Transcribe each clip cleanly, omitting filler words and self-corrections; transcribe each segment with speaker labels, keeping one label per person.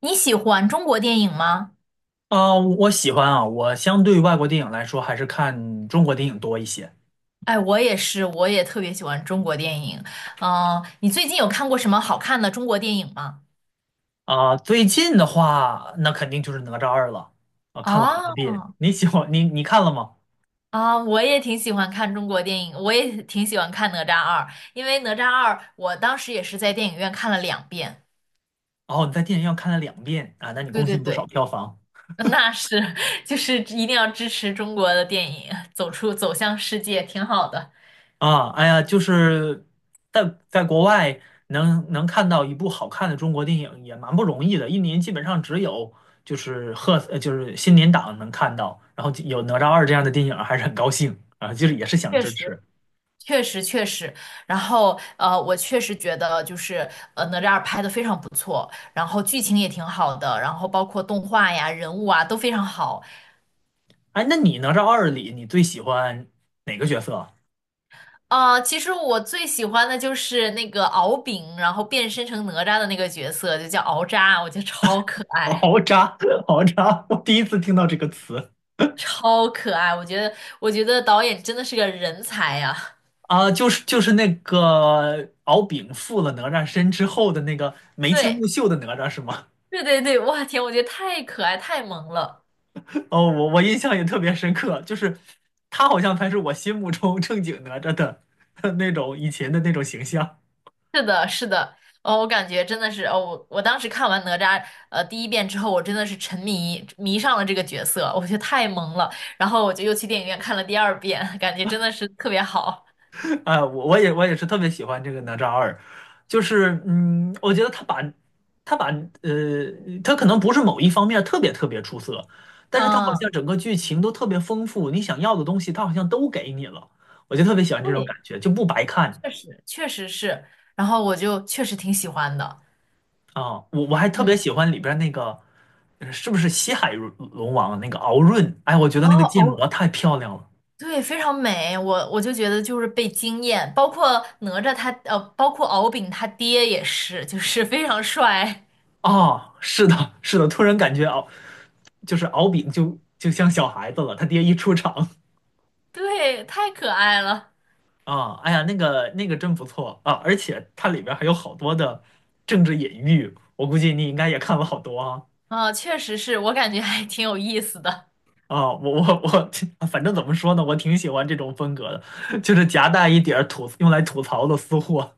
Speaker 1: 你喜欢中国电影吗？
Speaker 2: 啊，我喜欢啊，我相对于外国电影来说，还是看中国电影多一些。
Speaker 1: 哎，我也是，我也特别喜欢中国电影。嗯、你最近有看过什么好看的中国电影吗？
Speaker 2: 啊。最近的话，那肯定就是《哪吒二》了。啊，看了好多
Speaker 1: 啊
Speaker 2: 遍。你看了吗？
Speaker 1: 啊，我也挺喜欢看中国电影，我也挺喜欢看《哪吒二》，因为《哪吒二》我当时也是在电影院看了两遍。
Speaker 2: 哦，你在电影院看了两遍啊，那你
Speaker 1: 对
Speaker 2: 贡
Speaker 1: 对
Speaker 2: 献不少
Speaker 1: 对，
Speaker 2: 票房。
Speaker 1: 那是，就是一定要支持中国的电影，走向世界，挺好的。
Speaker 2: 啊。哎呀，就是在国外能看到一部好看的中国电影也蛮不容易的，一年基本上只有就是贺呃就是新年档能看到，然后有《哪吒二》这样的电影，还是很高兴啊，就是也是想
Speaker 1: 确
Speaker 2: 支
Speaker 1: 实。
Speaker 2: 持。
Speaker 1: 确实确实，然后我确实觉得就是哪吒二拍的非常不错，然后剧情也挺好的，然后包括动画呀、人物啊都非常好。
Speaker 2: 哎，那你哪吒二里，你最喜欢哪个角色？
Speaker 1: 啊。其实我最喜欢的就是那个敖丙，然后变身成哪吒的那个角色，就叫敖吒，我觉得超可 爱，
Speaker 2: 敖吒，敖吒，我第一次听到这个词。
Speaker 1: 超可爱。我觉得，我觉得导演真的是个人才呀。
Speaker 2: 啊，就是那个敖丙附了哪吒身之后的那个眉清
Speaker 1: 对，
Speaker 2: 目秀的哪吒是吗？
Speaker 1: 对对对，哇天，我觉得太可爱，太萌了。
Speaker 2: 哦，我印象也特别深刻，就是他好像才是我心目中正经哪吒的 那种以前的那种形象。
Speaker 1: 是的，是的，哦，我感觉真的是，哦，我当时看完哪吒第一遍之后，我真的是迷上了这个角色，我觉得太萌了，然后我就又去电影院看了第二遍，感觉真的是特别好。
Speaker 2: 我也是特别喜欢这个哪吒二，就是我觉得他把他可能不是某一方面特别特别出色，但是他好像
Speaker 1: 嗯，
Speaker 2: 整个剧情都特别丰富，你想要的东西他好像都给你了，我就特别喜欢这种感
Speaker 1: 对，
Speaker 2: 觉，就不白看。
Speaker 1: 确实确实是，然后我就确实挺喜欢的。
Speaker 2: 啊。我还特别
Speaker 1: 嗯，
Speaker 2: 喜欢里边儿那个是不是西海龙王那个敖闰？哎，我觉得
Speaker 1: 哦
Speaker 2: 那个建模
Speaker 1: 哦，
Speaker 2: 太漂亮了。
Speaker 1: 对，非常美，我就觉得就是被惊艳，包括哪吒他，包括敖丙他爹也是，就是非常帅，
Speaker 2: 啊！是的，是的，突然感觉敖丙就像小孩子了，他爹一出场。
Speaker 1: 对，太可爱了。
Speaker 2: 啊，哎呀，那个真不错啊，而且它里边儿还有好多的政治隐喻，我估计你应该也看了好多啊。
Speaker 1: 啊，确实是我感觉还挺有意思的
Speaker 2: 啊，我我我，反正怎么说呢，我挺喜欢这种风格的，就是夹带一点儿用来吐槽的私货。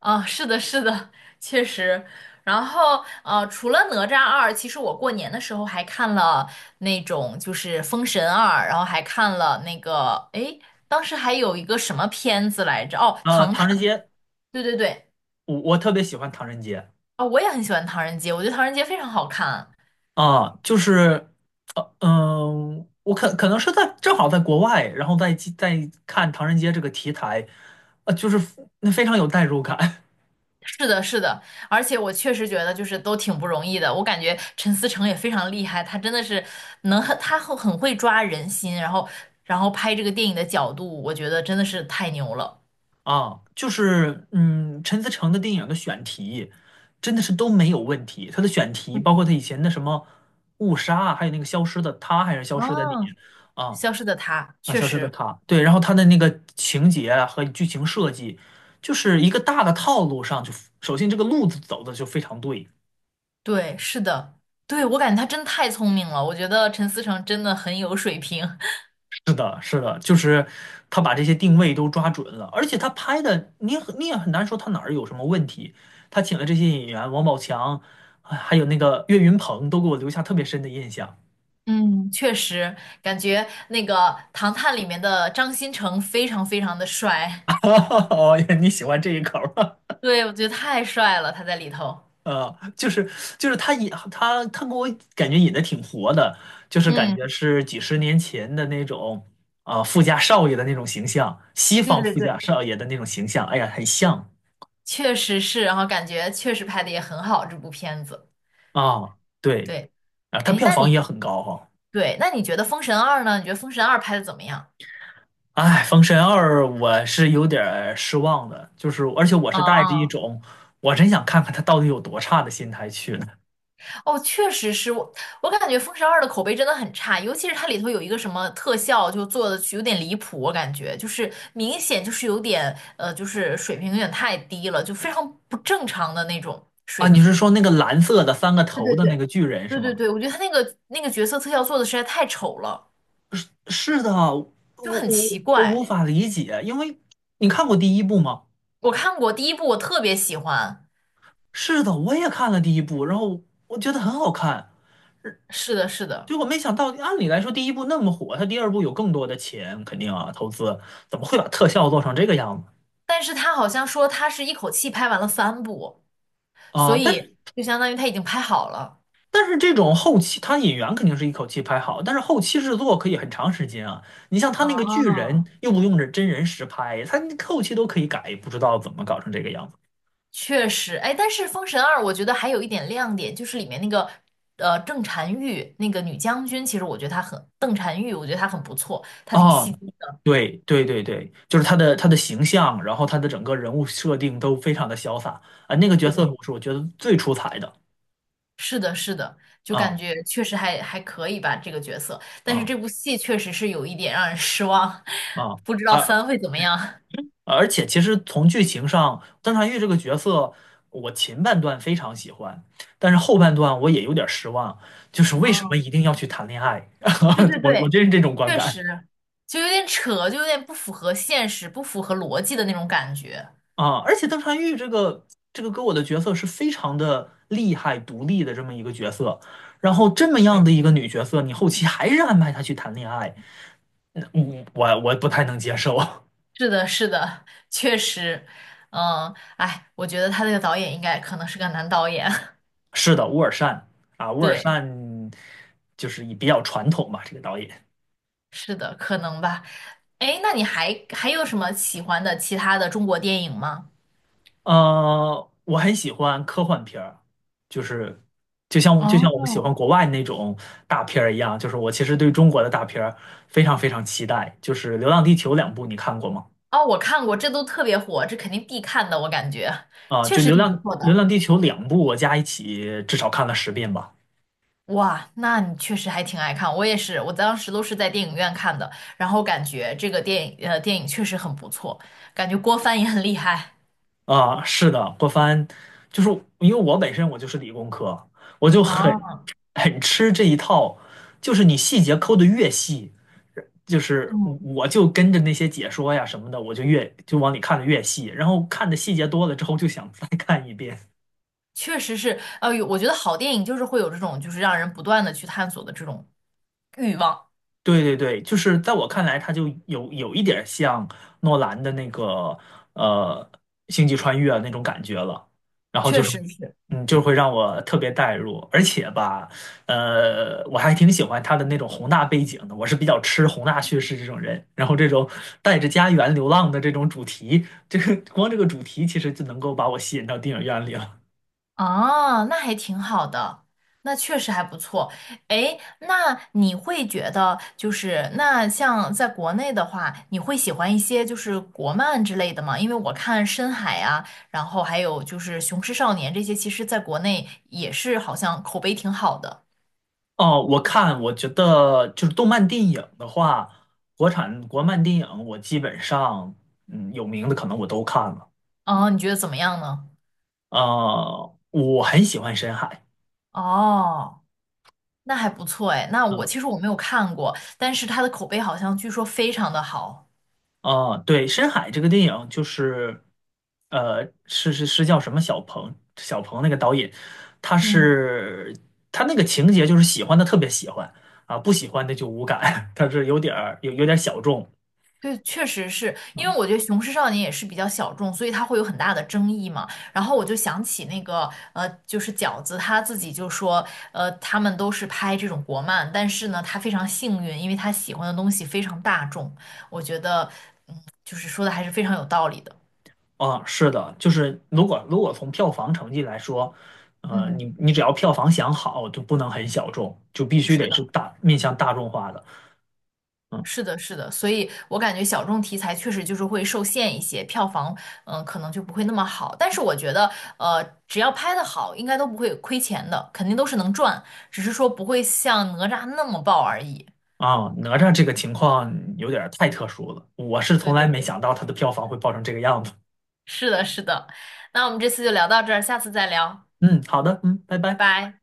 Speaker 1: 啊，是的，是的，确实。然后除了哪吒二，其实我过年的时候还看了那种就是《封神二》，然后还看了那个，诶，当时还有一个什么片子来着？哦，《唐探》。
Speaker 2: 唐人街，
Speaker 1: 对对对，
Speaker 2: 我特别喜欢唐人街。
Speaker 1: 啊，我也很喜欢《唐人街》，我觉得《唐人街》非常好看。
Speaker 2: 啊，就是，我可能是正好在国外，然后在看唐人街这个题材，就是那非常有代入感。
Speaker 1: 是的，是的，而且我确实觉得就是都挺不容易的。我感觉陈思诚也非常厉害，他真的是能，他会很会抓人心，然后拍这个电影的角度，我觉得真的是太牛了。
Speaker 2: 啊，就是陈思诚的电影的选题真的是都没有问题。他的选题，包
Speaker 1: 嗯，
Speaker 2: 括他以前的什么《误杀》，还有那个《消失的他》，还是《消失的你》？
Speaker 1: 哦，
Speaker 2: 啊。
Speaker 1: 消失的他
Speaker 2: 啊，
Speaker 1: 确
Speaker 2: 《消失的
Speaker 1: 实，
Speaker 2: 他》对，然后他的那个情节啊和剧情设计，就是一个大的套路上就，首先这个路子走的就非常对。
Speaker 1: 对，是的，对，我感觉他真太聪明了。我觉得陈思诚真的很有水平。
Speaker 2: 是的，是的，就是他把这些定位都抓准了，而且他拍的，你也很难说他哪儿有什么问题。他请了这些演员，王宝强，啊还有那个岳云鹏，都给我留下特别深的印象。
Speaker 1: 嗯，确实，感觉那个《唐探》里面的张新成非常非常的帅，
Speaker 2: 哦，你喜欢这一口儿。
Speaker 1: 对，我觉得太帅了，他在里头。
Speaker 2: 啊 就是他引他他给我感觉演的挺活的，就是感
Speaker 1: 嗯。
Speaker 2: 觉是几十年前的那种啊、富家少爷的那种形象，西
Speaker 1: 对
Speaker 2: 方
Speaker 1: 对
Speaker 2: 富家
Speaker 1: 对，
Speaker 2: 少爷的那种形象。哎呀，很像。
Speaker 1: 确实是，然后感觉确实拍的也很好，这部片子。
Speaker 2: 啊，对
Speaker 1: 对，
Speaker 2: 啊，他
Speaker 1: 哎，
Speaker 2: 票房也很高哈。
Speaker 1: 对，那你觉得《封神二》呢？你觉得《封神二》拍的怎么样？
Speaker 2: 哎，《封神二》我是有点儿失望的，就是而且我是带着一
Speaker 1: 啊，
Speaker 2: 种我真想看看他到底有多差的心态去的。
Speaker 1: 哦，确实是我，我感觉《封神二》的口碑真的很差，尤其是它里头有一个什么特效，就做的有点离谱，我感觉就是明显就是有点就是水平有点太低了，就非常不正常的那种
Speaker 2: 啊！
Speaker 1: 水
Speaker 2: 你是
Speaker 1: 平。
Speaker 2: 说那个蓝色的三个
Speaker 1: 对
Speaker 2: 头
Speaker 1: 对
Speaker 2: 的那
Speaker 1: 对，
Speaker 2: 个巨人是
Speaker 1: 对对
Speaker 2: 吗？
Speaker 1: 对，我觉得他那个角色特效做的实在太丑了，
Speaker 2: 是的，我
Speaker 1: 就
Speaker 2: 我
Speaker 1: 很奇
Speaker 2: 我无
Speaker 1: 怪。
Speaker 2: 法理解，因为你看过第一部吗？
Speaker 1: 我看过第一部，我特别喜欢。
Speaker 2: 是的，我也看了第一部，然后我觉得很好看，
Speaker 1: 是的，是的，
Speaker 2: 结果没想到，按理来说第一部那么火，他第二部有更多的钱，肯定啊投资，怎么会把特效做成这个样子？
Speaker 1: 但是他好像说他是一口气拍完了三部，所
Speaker 2: 啊，但是。
Speaker 1: 以就相当于他已经拍好了。
Speaker 2: 但是这种后期，他演员肯定是一口气拍好，但是后期制作可以很长时间啊。你像他那个巨
Speaker 1: 啊，
Speaker 2: 人，又不用着真人实拍，他那后期都可以改，不知道怎么搞成这个样子。
Speaker 1: 确实，哎，但是《封神二》我觉得还有一点亮点，就是里面那个郑婵玉那个女将军，其实我觉得邓婵玉，我觉得她很不错，她挺吸
Speaker 2: 啊。
Speaker 1: 睛的。
Speaker 2: 对对对对，就是他的形象，然后他的整个人物设定都非常的潇洒。啊。那个角色
Speaker 1: 对，
Speaker 2: 我是我觉得最出彩的。
Speaker 1: 是的，是的，就感
Speaker 2: 啊。
Speaker 1: 觉确实还可以吧这个角色，但是
Speaker 2: 啊。
Speaker 1: 这部戏确实是有一点让人失望，
Speaker 2: 啊。
Speaker 1: 不知
Speaker 2: 啊！
Speaker 1: 道
Speaker 2: 啊，
Speaker 1: 三会怎么样。
Speaker 2: 而且其实从剧情上，邓婵玉这个角色，我前半段非常喜欢，但是后半段我也有点失望，就是为什么一
Speaker 1: 嗯。
Speaker 2: 定要去谈恋爱？
Speaker 1: 对对
Speaker 2: 我
Speaker 1: 对，
Speaker 2: 真是这种观
Speaker 1: 确
Speaker 2: 感。
Speaker 1: 实，就有点扯，就有点不符合现实、不符合逻辑的那种感觉。
Speaker 2: 啊！而且邓婵玉这个给我的角色是非常的厉害、独立的这么一个角色，然后这么样
Speaker 1: 对，
Speaker 2: 的一个女角色，你后期还是安排她去谈恋爱，我不太能接受。
Speaker 1: 是的，是的，确实，嗯，哎，我觉得他这个导演应该可能是个男导演。
Speaker 2: 是的，乌尔善。啊，乌尔
Speaker 1: 对，
Speaker 2: 善就是也比较传统吧，这个导演。
Speaker 1: 是的，可能吧。哎，那你还有什么喜欢的其他的中国电影吗？
Speaker 2: 我很喜欢科幻片儿，就是就像我就像我们喜
Speaker 1: 哦，
Speaker 2: 欢国外那种大片儿一样，就是我其实对中国的大片儿非常非常期待。就是《流浪地球》两部，你看过吗？
Speaker 1: 哦，我看过，这都特别火，这肯定必看的，我感觉
Speaker 2: 啊、
Speaker 1: 确
Speaker 2: 就
Speaker 1: 实
Speaker 2: 《流
Speaker 1: 挺不
Speaker 2: 浪
Speaker 1: 错的。
Speaker 2: 流浪地球》两部，我加一起至少看了10遍吧。
Speaker 1: 哇，那你确实还挺爱看，我也是，我当时都是在电影院看的，然后感觉这个电影确实很不错，感觉郭帆也很厉害
Speaker 2: 啊，是的，郭帆，就是因为我本身我就是理工科，我就
Speaker 1: 啊，
Speaker 2: 很 很吃这一套，就是你细节抠的越细，就是
Speaker 1: 嗯，
Speaker 2: 我就跟着那些解说呀什么的，我就越就往里看的越细，然后看的细节多了之后就想再看一遍。
Speaker 1: 确实是，有我觉得好电影就是会有这种就是让人不断的去探索的这种欲望，
Speaker 2: 对对对，就是在我看来，它就有一点像诺兰的那个呃《星际穿越》那种感觉了，然后就
Speaker 1: 确
Speaker 2: 是
Speaker 1: 实是，
Speaker 2: 就会让我特别带入，而且吧，我还挺喜欢他的那种宏大背景的，我是比较吃宏大叙事这种人，然后这种带着家园流浪的这种主题，这个光这个主题其实就能够把我吸引到电影院里了。
Speaker 1: 哦，那还挺好的，那确实还不错。诶，那你会觉得就是那像在国内的话，你会喜欢一些就是国漫之类的吗？因为我看《深海》啊，然后还有就是《雄狮少年》这些，其实在国内也是好像口碑挺好的。
Speaker 2: 哦，我看，我觉得就是动漫电影的话，国产国漫电影我基本上，嗯，有名的可能我都看了。
Speaker 1: 哦，你觉得怎么样呢？
Speaker 2: 啊，我很喜欢《深海》。
Speaker 1: 哦，那还不错诶，那我
Speaker 2: 嗯。
Speaker 1: 其实我没有看过，但是它的口碑好像据说非常的好。
Speaker 2: 啊，对，《深海》这个电影就是，是叫什么小鹏？小鹏那个导演，他
Speaker 1: 嗯。
Speaker 2: 是他那个情节就是喜欢的特别喜欢。啊，不喜欢的就无感，他是有点儿小众。
Speaker 1: 对，确实是因
Speaker 2: 啊。
Speaker 1: 为我觉得《雄狮少年》也是比较小众，所以它会有很大的争议嘛。然后我就想起那个就是饺子他自己就说，他们都是拍这种国漫，但是呢，他非常幸运，因为他喜欢的东西非常大众。我觉得，嗯，就是说的还是非常有道理的。
Speaker 2: 啊，是的，就是如果从票房成绩来说，呃，
Speaker 1: 嗯，
Speaker 2: 你只要票房想好，就不能很小众，就必须
Speaker 1: 是
Speaker 2: 得是
Speaker 1: 的。
Speaker 2: 大面向大众化的。嗯。
Speaker 1: 是的，是的，所以我感觉小众题材确实就是会受限一些，票房嗯、可能就不会那么好。但是我觉得，只要拍得好，应该都不会亏钱的，肯定都是能赚，只是说不会像哪吒那么爆而已。
Speaker 2: 啊，哪吒这个情况有点儿太特殊了，我是
Speaker 1: 对
Speaker 2: 从来
Speaker 1: 对
Speaker 2: 没
Speaker 1: 对，
Speaker 2: 想到它的票房会爆成这个样子。
Speaker 1: 是的，是的。那我们这次就聊到这儿，下次再聊，
Speaker 2: 嗯，好的，嗯，拜
Speaker 1: 拜
Speaker 2: 拜。
Speaker 1: 拜。